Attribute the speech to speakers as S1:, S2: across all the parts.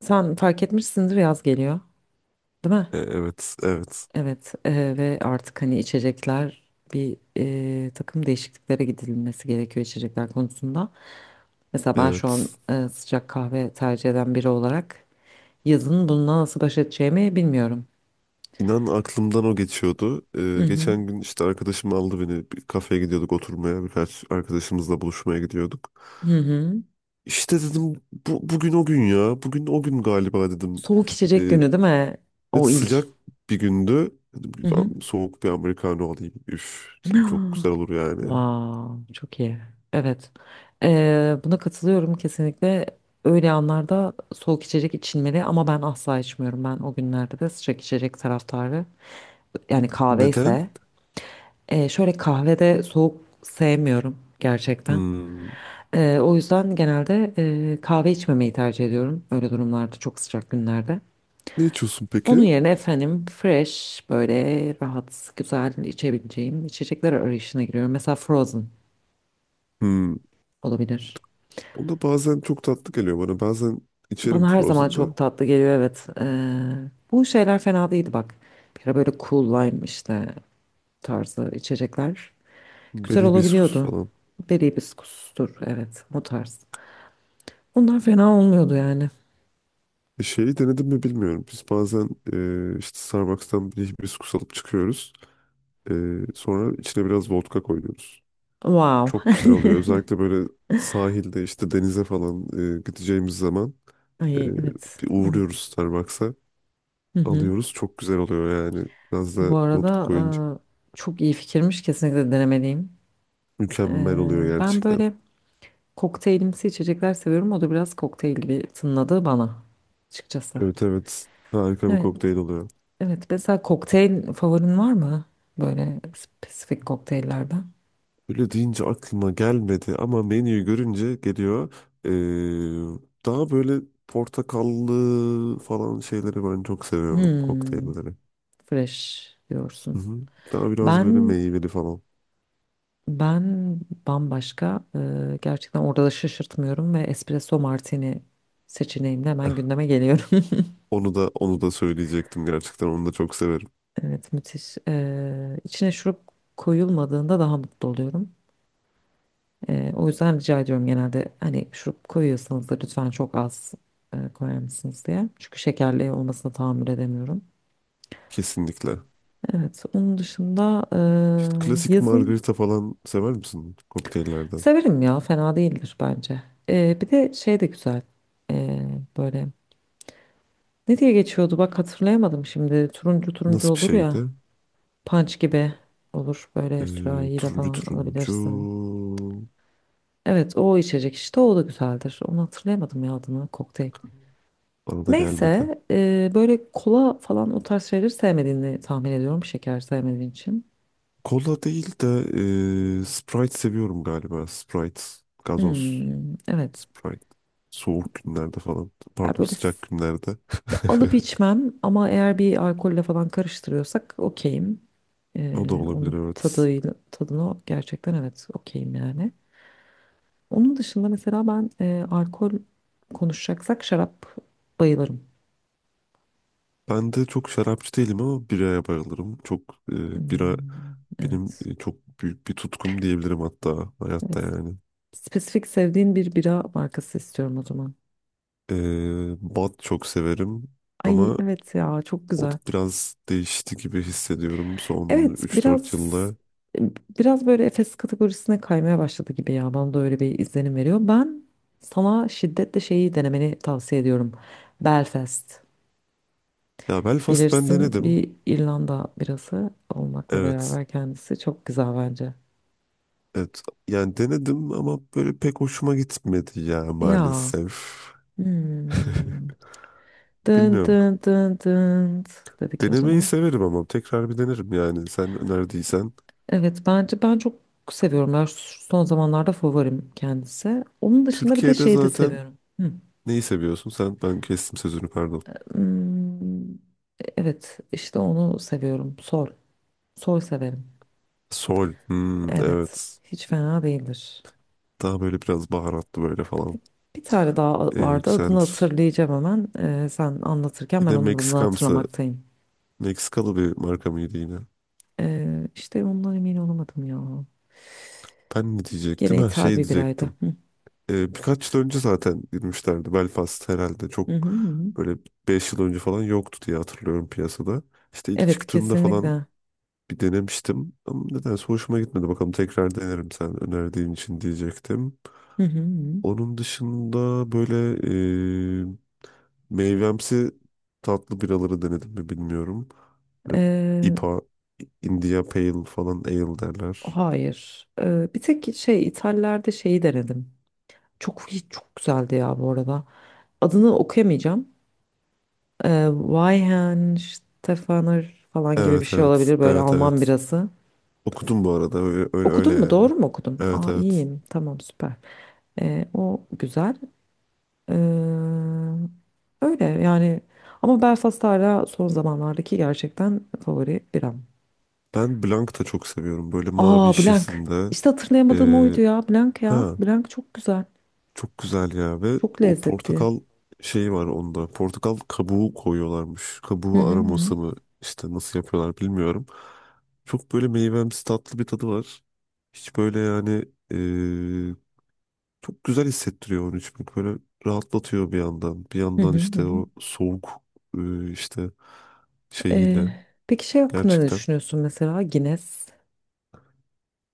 S1: Sen fark etmişsindir yaz geliyor, değil mi?
S2: Evet, evet,
S1: Evet ve artık hani içecekler bir takım değişikliklere gidilmesi gerekiyor içecekler konusunda. Mesela ben şu an
S2: evet.
S1: sıcak kahve tercih eden biri olarak yazın bununla nasıl baş edeceğimi bilmiyorum.
S2: İnan aklımdan o geçiyordu.
S1: Hı hı.
S2: Geçen gün işte arkadaşım aldı beni. Bir kafeye gidiyorduk oturmaya. Birkaç arkadaşımızla buluşmaya gidiyorduk.
S1: Hı hı.
S2: İşte dedim bugün o gün ya. Bugün o gün galiba dedim.
S1: Soğuk içecek
S2: E,
S1: günü değil mi?
S2: evet,
S1: O ilk.
S2: sıcak bir gündü. Dedim ki,
S1: Hı hı.
S2: ben soğuk bir Americano alayım. Üf, dedim, çok güzel olur yani.
S1: Wow, çok iyi. Evet. Buna katılıyorum kesinlikle. Öyle anlarda soğuk içecek içilmeli ama ben asla içmiyorum. Ben o günlerde de sıcak içecek taraftarı. Yani kahve
S2: Neden?
S1: ise şöyle kahvede soğuk sevmiyorum gerçekten.
S2: Hmm.
S1: O yüzden genelde kahve içmemeyi tercih ediyorum. Öyle durumlarda çok sıcak günlerde.
S2: Ne içiyorsun
S1: Onun
S2: peki?
S1: yerine efendim fresh böyle rahat güzel içebileceğim içecekler arayışına giriyorum. Mesela Frozen
S2: Hmm.
S1: olabilir.
S2: O da bazen çok tatlı geliyor bana. Bazen içerim
S1: Bana her zaman
S2: Frozen'da.
S1: çok tatlı geliyor, evet. Bu şeyler fena değildi bak. Bir ara böyle cool lime işte tarzı içecekler. Güzel
S2: Beri hibiskus
S1: olabiliyordu.
S2: falan.
S1: Beri hibiskustur, evet, o tarz. Bunlar fena olmuyordu yani.
S2: Şeyi denedim mi bilmiyorum. Biz bazen işte Starbucks'tan bir hibiskus alıp çıkıyoruz. E, Sonra içine biraz vodka koyuyoruz.
S1: Wow.
S2: Çok güzel oluyor. Özellikle böyle sahilde işte denize falan gideceğimiz zaman e,
S1: Ay, evet,
S2: bir uğruyoruz
S1: evet.
S2: Starbucks'a.
S1: Hı hı.
S2: Alıyoruz. Çok güzel oluyor yani. Biraz da
S1: Bu
S2: vodka
S1: arada
S2: koyunca
S1: çok iyi fikirmiş, kesinlikle denemeliyim.
S2: mükemmel oluyor
S1: Ben
S2: gerçekten.
S1: böyle kokteylimsi içecekler seviyorum. O da biraz kokteyl gibi tınladı bana açıkçası.
S2: Evet, evet. Harika bir
S1: Evet.
S2: kokteyl oluyor.
S1: Evet, mesela kokteyl favorin var mı? Böyle spesifik kokteyllerden.
S2: Böyle deyince aklıma gelmedi ama menüyü görünce geliyor. Ee, Daha böyle portakallı falan şeyleri ben çok seviyorum
S1: Hmm,
S2: kokteylleri.
S1: fresh
S2: Hı
S1: diyorsun.
S2: hı. Daha biraz böyle
S1: Ben
S2: meyveli falan.
S1: ben bambaşka, gerçekten orada da şaşırtmıyorum ve espresso martini seçeneğimle
S2: Eh,
S1: hemen gündeme geliyorum.
S2: onu da söyleyecektim gerçekten onu da çok severim.
S1: Evet, müthiş. E, içine şurup koyulmadığında daha mutlu oluyorum. O yüzden rica ediyorum, genelde hani şurup koyuyorsanız da lütfen çok az koyar mısınız diye. Çünkü şekerli olmasına tahammül edemiyorum.
S2: Kesinlikle.
S1: Evet, onun dışında
S2: İşte klasik
S1: yazın
S2: margarita falan sever misin kokteyllerden?
S1: severim ya, fena değildir bence. Bir de şey de güzel, böyle ne diye geçiyordu, bak hatırlayamadım şimdi. Turuncu turuncu
S2: Nasıl bir
S1: olur ya,
S2: şeydi?
S1: punch gibi olur, böyle sürahiyle
S2: Turuncu
S1: falan
S2: turuncu
S1: alabilirsin. Evet, o içecek işte, o da güzeldir. Onu hatırlayamadım ya adını, kokteyl.
S2: bana da gelmedi.
S1: Neyse, böyle kola falan o tarz şeyleri sevmediğini tahmin ediyorum, şeker sevmediğin için.
S2: Kola değil de Sprite seviyorum galiba. Sprite, gazoz,
S1: Hmm, evet.
S2: Sprite. Soğuk günlerde falan.
S1: Ya
S2: Pardon,
S1: böyle
S2: sıcak günlerde.
S1: alıp içmem ama eğer bir alkolle falan karıştırıyorsak okeyim.
S2: O da
S1: Ee,
S2: olabilir,
S1: onun
S2: evet.
S1: tadıyla, tadına gerçekten, evet, okeyim yani. Onun dışında mesela ben alkol konuşacaksak şarap bayılırım.
S2: Ben de çok şarapçı değilim ama biraya bayılırım. Çok bira
S1: Hmm,
S2: benim
S1: evet.
S2: çok büyük bir tutkum diyebilirim hatta hayatta
S1: Evet.
S2: yani.
S1: Spesifik sevdiğin bir bira markası istiyorum o zaman.
S2: Bat çok severim
S1: Ay,
S2: ama
S1: evet ya, çok
S2: o da
S1: güzel.
S2: biraz değişti gibi hissediyorum son
S1: Evet,
S2: 3-4
S1: biraz
S2: yılda.
S1: biraz böyle Efes kategorisine kaymaya başladı gibi ya. Bana da öyle bir izlenim veriyor. Ben sana şiddetle şeyi denemeni tavsiye ediyorum. Belfast.
S2: Ya Belfast ben
S1: Bilirsin,
S2: denedim.
S1: bir İrlanda birası olmakla
S2: Evet.
S1: beraber kendisi çok güzel bence.
S2: Evet, yani denedim ama böyle pek hoşuma gitmedi ya
S1: Ya.
S2: maalesef.
S1: Hmm. Dın
S2: Bilmiyorum.
S1: dın dın dın dedik o
S2: Denemeyi
S1: zaman.
S2: severim ama tekrar bir denerim yani sen önerdiysen.
S1: Evet, bence ben çok seviyorum. Ben son zamanlarda favorim kendisi. Onun dışında bir de
S2: Türkiye'de
S1: şeyi de
S2: zaten
S1: seviyorum. Hı.
S2: neyi seviyorsun? Sen, ben kestim sözünü, pardon.
S1: Hmm, evet, işte onu seviyorum. Sol. Sol severim.
S2: Sol. Hmm,
S1: Evet.
S2: evet.
S1: Hiç fena değildir.
S2: Daha böyle biraz baharatlı böyle falan.
S1: Bir bir tane daha vardı. Adını
S2: Güzeldir.
S1: hatırlayacağım hemen. Sen anlatırken ben
S2: Yine
S1: onun adını
S2: Meksikamsı.
S1: hatırlamaktayım.
S2: Meksikalı bir marka mıydı yine?
S1: İşte ondan emin olamadım ya.
S2: Ben ne
S1: Gene
S2: diyecektim? Ha, şey
S1: ithal bir biraydı.
S2: diyecektim.
S1: Hı.
S2: Birkaç yıl önce zaten girmişlerdi Belfast herhalde, çok
S1: Hı hı hı.
S2: böyle 5 yıl önce falan yoktu diye hatırlıyorum piyasada. İşte ilk
S1: Evet,
S2: çıktığında
S1: kesinlikle.
S2: falan
S1: Hı
S2: bir denemiştim ama nedense hoşuma gitmedi. Bakalım tekrar denerim sen önerdiğin için diyecektim.
S1: hı hı.
S2: Onun dışında böyle e, meyvemsi tatlı biraları denedim mi bilmiyorum. Böyle
S1: Ee,
S2: IPA, India Pale falan ale derler.
S1: hayır. Bir tek şey, İtalya'da şeyi denedim. Çok çok güzeldi ya bu arada. Adını okuyamayacağım. Weihenstephaner falan gibi bir
S2: Evet,
S1: şey
S2: evet,
S1: olabilir, böyle
S2: evet,
S1: Alman
S2: evet.
S1: birası.
S2: Okudum bu arada, öyle öyle, öyle
S1: Okudun mu?
S2: yani.
S1: Doğru mu okudum?
S2: Evet,
S1: Aa,
S2: evet.
S1: iyiyim. Tamam, süper. O güzel. Ee, öyle yani, ama Belfast hala son zamanlardaki gerçekten favori biram.
S2: Ben Blanc da çok seviyorum. Böyle
S1: Aa,
S2: mavi
S1: blank.
S2: şişesinde.
S1: İşte hatırlayamadığım oydu
S2: Ee,
S1: ya. Blank ya.
S2: ha,
S1: Blank çok güzel.
S2: çok güzel ya ve
S1: Çok
S2: o
S1: lezzetli.
S2: portakal şeyi var onda. Portakal kabuğu koyuyorlarmış.
S1: Hı
S2: Kabuğu
S1: hı hı.
S2: aroması mı, işte nasıl yapıyorlar bilmiyorum. Çok böyle meyvemsi tatlı bir tadı var. Hiç böyle yani ee, çok güzel hissettiriyor onu içmek. Böyle rahatlatıyor bir yandan. Bir
S1: Hı
S2: yandan
S1: hı hı.
S2: işte
S1: Hı.
S2: o soğuk işte
S1: Ee,
S2: şeyiyle
S1: peki şey hakkında ne
S2: gerçekten.
S1: düşünüyorsun mesela? Guinness.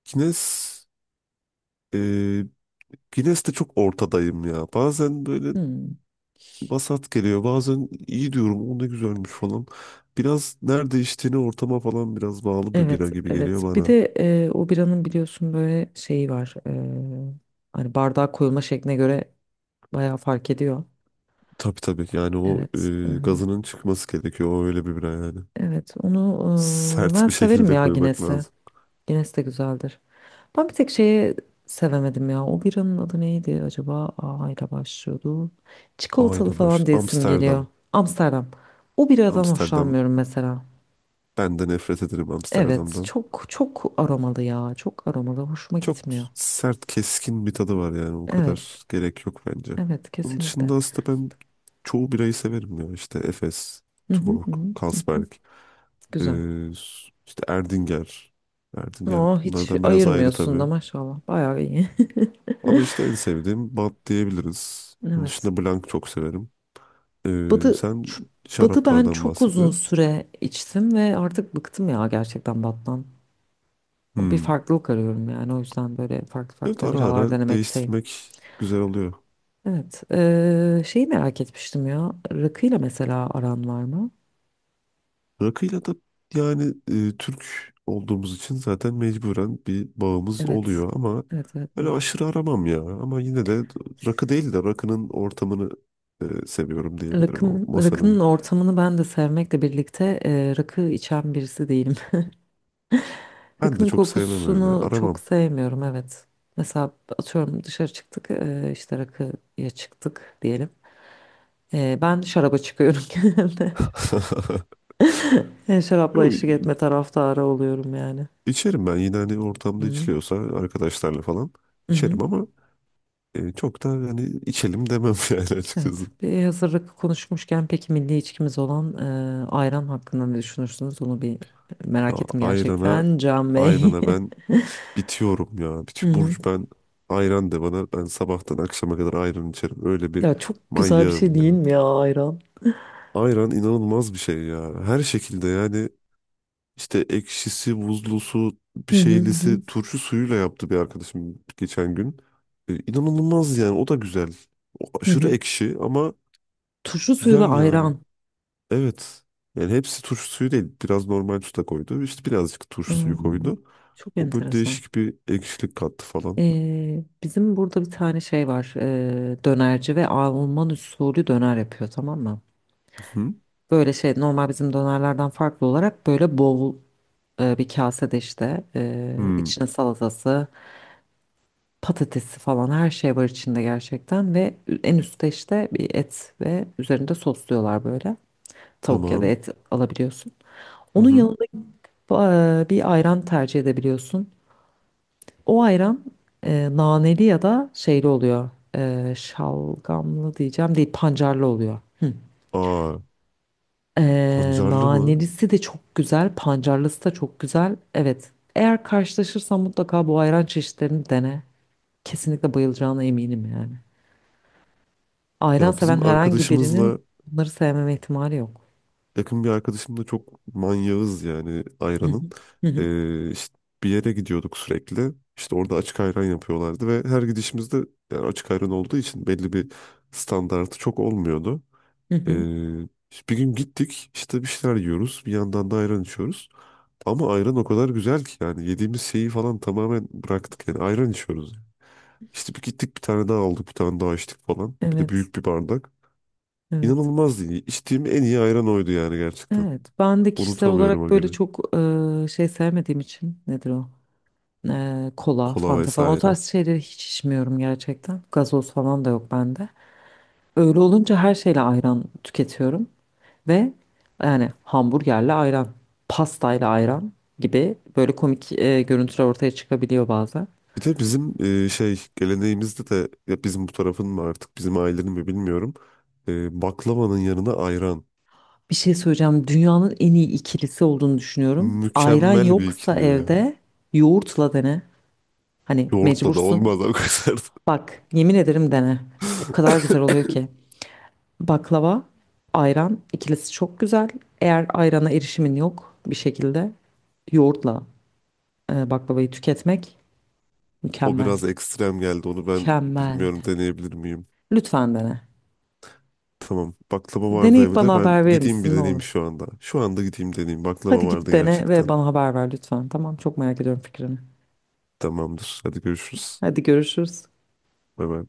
S2: Kines Guinness'te çok ortadayım ya. Bazen böyle
S1: Hmm.
S2: vasat geliyor. Bazen iyi diyorum, o ne güzelmiş falan. Biraz nerede içtiğini, ortama falan biraz bağlı bir
S1: Evet,
S2: bira gibi geliyor
S1: evet. Bir
S2: bana.
S1: de o biranın biliyorsun böyle şeyi var. Hani bardağa koyulma şekline göre bayağı fark ediyor.
S2: Tabii, tabii, yani o
S1: Evet. Hı hı.
S2: gazının çıkması gerekiyor. O öyle bir bira yani.
S1: Evet, onu
S2: Sert
S1: ben
S2: bir
S1: severim
S2: şekilde
S1: ya
S2: koymak
S1: Guinness'i.
S2: lazım.
S1: Guinness de güzeldir. Ben bir tek şeyi sevemedim ya. O biranın adı neydi acaba? A ile başlıyordu. Çikolatalı
S2: Aynen
S1: falan
S2: baş.
S1: diye isim geliyor.
S2: Amsterdam.
S1: Amsterdam. O biradan
S2: Amsterdam.
S1: hoşlanmıyorum mesela.
S2: Ben de nefret ederim
S1: Evet,
S2: Amsterdam'dan.
S1: çok çok aromalı ya. Çok aromalı. Hoşuma
S2: Çok
S1: gitmiyor.
S2: sert, keskin bir tadı var yani. O
S1: Evet.
S2: kadar gerek yok bence.
S1: Evet,
S2: Onun
S1: kesinlikle.
S2: dışında aslında ben çoğu birayı severim ya. İşte Efes,
S1: Hı hı
S2: Tuborg,
S1: hı. Hı.
S2: Carlsberg,
S1: Güzel.
S2: ee, işte Erdinger. Erdinger
S1: O hiç
S2: bunlardan biraz ayrı
S1: ayırmıyorsun
S2: tabii.
S1: da maşallah. Bayağı iyi.
S2: Ama işte en sevdiğim bat diyebiliriz. Onun
S1: Evet.
S2: dışında Blanc çok severim.
S1: Badı,
S2: Sen
S1: ç- badı ben
S2: şaraplardan
S1: çok
S2: bahset
S1: uzun
S2: biraz.
S1: süre içtim ve artık bıktım ya gerçekten battan. Bir
S2: Hmm.
S1: farklılık arıyorum yani, o yüzden böyle farklı
S2: Evet,
S1: farklı
S2: ara
S1: biralar
S2: ara
S1: denemekteyim.
S2: değiştirmek güzel oluyor.
S1: Evet. Şeyi merak etmiştim ya. Rakıyla mesela aran var mı?
S2: Rakıyla da yani Türk olduğumuz için zaten mecburen bir bağımız
S1: Evet.
S2: oluyor ama
S1: Evet, evet,
S2: öyle
S1: evet.
S2: aşırı aramam ya. Ama yine de rakı değil de rakının ortamını seviyorum diyebilirim, o
S1: Rakım,
S2: masanın.
S1: rakının ortamını ben de sevmekle birlikte rakı içen birisi değilim.
S2: Ben de
S1: Rakının
S2: çok sevmem, öyle
S1: kokusunu çok
S2: aramam.
S1: sevmiyorum, evet. Mesela atıyorum dışarı çıktık, işte rakıya çıktık diyelim. Ben şaraba çıkıyorum genelde. Şarapla
S2: Yo,
S1: eşlik etme taraftarı oluyorum yani.
S2: içerim ben yine hani ortamda
S1: Hı
S2: içiliyorsa arkadaşlarla falan
S1: hı.
S2: içerim ama çok da hani içelim demem yani açıkçası.
S1: Evet. Bir hazır rakı konuşmuşken, peki milli içkimiz olan ayran hakkında ne düşünürsünüz? Onu bir
S2: Ya
S1: merak ettim
S2: ayrana,
S1: gerçekten, Can Bey.
S2: ayrana ben bitiyorum ya.
S1: Hı hı.
S2: Burcu, ben ayran de bana. Ben sabahtan akşama kadar ayran içerim. Öyle bir
S1: Ya çok güzel bir şey
S2: manyağım
S1: değil
S2: ya.
S1: mi ya ayran?
S2: Ayran inanılmaz bir şey ya. Her şekilde yani işte ekşisi, buzlusu, bir
S1: Hı hı hı. Hı.
S2: şeylisi, turşu suyuyla yaptı bir arkadaşım geçen gün. İnanılmaz yani, o da güzel. O aşırı
S1: Hı.
S2: ekşi ama
S1: Turşu suyu ve
S2: güzel yani.
S1: ayran.
S2: Evet. Yani hepsi turşu suyu değil. Biraz normal su da koydu. İşte birazcık turşu
S1: Aa,
S2: suyu koydu.
S1: çok
S2: O böyle
S1: enteresan.
S2: değişik bir ekşilik kattı falan.
S1: Bizim burada bir tane şey var. Dönerci ve Alman usulü döner yapıyor, tamam mı?
S2: Hı. Hı.
S1: Böyle şey, normal bizim dönerlerden farklı olarak böyle bol bir kasede, işte
S2: Hmm.
S1: içine salatası, patatesi falan her şey var içinde gerçekten, ve en üstte işte bir et, ve üzerinde sosluyorlar böyle. Tavuk ya da
S2: Tamam.
S1: et alabiliyorsun.
S2: Hı
S1: Onun
S2: hı.
S1: yanında bir ayran tercih edebiliyorsun. O ayran naneli ya da şeyli oluyor. Şalgamlı diyeceğim değil, pancarlı oluyor. Hı.
S2: Aa,
S1: E,
S2: pancarlı mı?
S1: nanelisi de çok güzel, pancarlısı da çok güzel. Evet. Eğer karşılaşırsan mutlaka bu ayran çeşitlerini dene. Kesinlikle bayılacağına eminim yani. Ayran
S2: Ya bizim
S1: seven herhangi
S2: arkadaşımızla
S1: birinin bunları sevmeme ihtimali yok.
S2: Yakın bir arkadaşımla çok manyağız yani
S1: Hı hı.
S2: ayranın.
S1: Hı hı.
S2: İşte bir yere gidiyorduk sürekli. İşte orada açık ayran yapıyorlardı ve her gidişimizde, yani açık ayran olduğu için, belli bir standartı çok olmuyordu.
S1: Hı hı.
S2: Ee, işte bir gün gittik, işte bir şeyler yiyoruz, bir yandan da ayran içiyoruz. Ama ayran o kadar güzel ki yani yediğimiz şeyi falan tamamen bıraktık, yani ayran içiyoruz. İşte bir gittik, bir tane daha aldık, bir tane daha içtik falan. Bir de
S1: Evet.
S2: büyük bir bardak.
S1: Evet.
S2: İnanılmazdı. İyi. İçtiğim en iyi ayran oydu yani gerçekten.
S1: Evet. Ben de kişisel olarak
S2: Unutamıyorum o
S1: böyle
S2: günü.
S1: çok şey sevmediğim için, nedir o? Kola,
S2: Kola
S1: fanta falan o
S2: vesaire.
S1: tarz şeyleri hiç içmiyorum gerçekten. Gazoz falan da yok bende. Öyle olunca her şeyle ayran tüketiyorum, ve yani hamburgerle ayran, pastayla ayran gibi böyle komik görüntüler ortaya çıkabiliyor bazen.
S2: Bir de bizim şey geleneğimizde de, ya bizim bu tarafın mı, artık bizim ailenin mi bilmiyorum. Baklavanın yanına ayran.
S1: Bir şey söyleyeceğim. Dünyanın en iyi ikilisi olduğunu düşünüyorum. Ayran
S2: Mükemmel bir
S1: yoksa
S2: ikili ya.
S1: evde yoğurtla dene. Hani
S2: Yoğurtla da
S1: mecbursun.
S2: olmaz o kadar.
S1: Bak, yemin ederim, dene. O kadar güzel oluyor ki. Baklava, ayran ikilisi çok güzel. Eğer ayrana erişimin yok bir şekilde, yoğurtla baklavayı tüketmek
S2: O
S1: mükemmel.
S2: biraz ekstrem geldi. Onu ben
S1: Mükemmel.
S2: bilmiyorum, deneyebilir miyim?
S1: Lütfen dene.
S2: Tamam. Baklava vardı
S1: Deneyip bana
S2: evde. Ben
S1: haber verir
S2: gideyim bir
S1: misin, ne olur?
S2: deneyeyim şu anda. Şu anda gideyim deneyeyim. Baklava
S1: Hadi git
S2: vardı
S1: dene ve
S2: gerçekten.
S1: bana haber ver lütfen. Tamam, çok merak ediyorum fikrini.
S2: Tamamdır. Hadi görüşürüz.
S1: Hadi görüşürüz.
S2: Bye bye.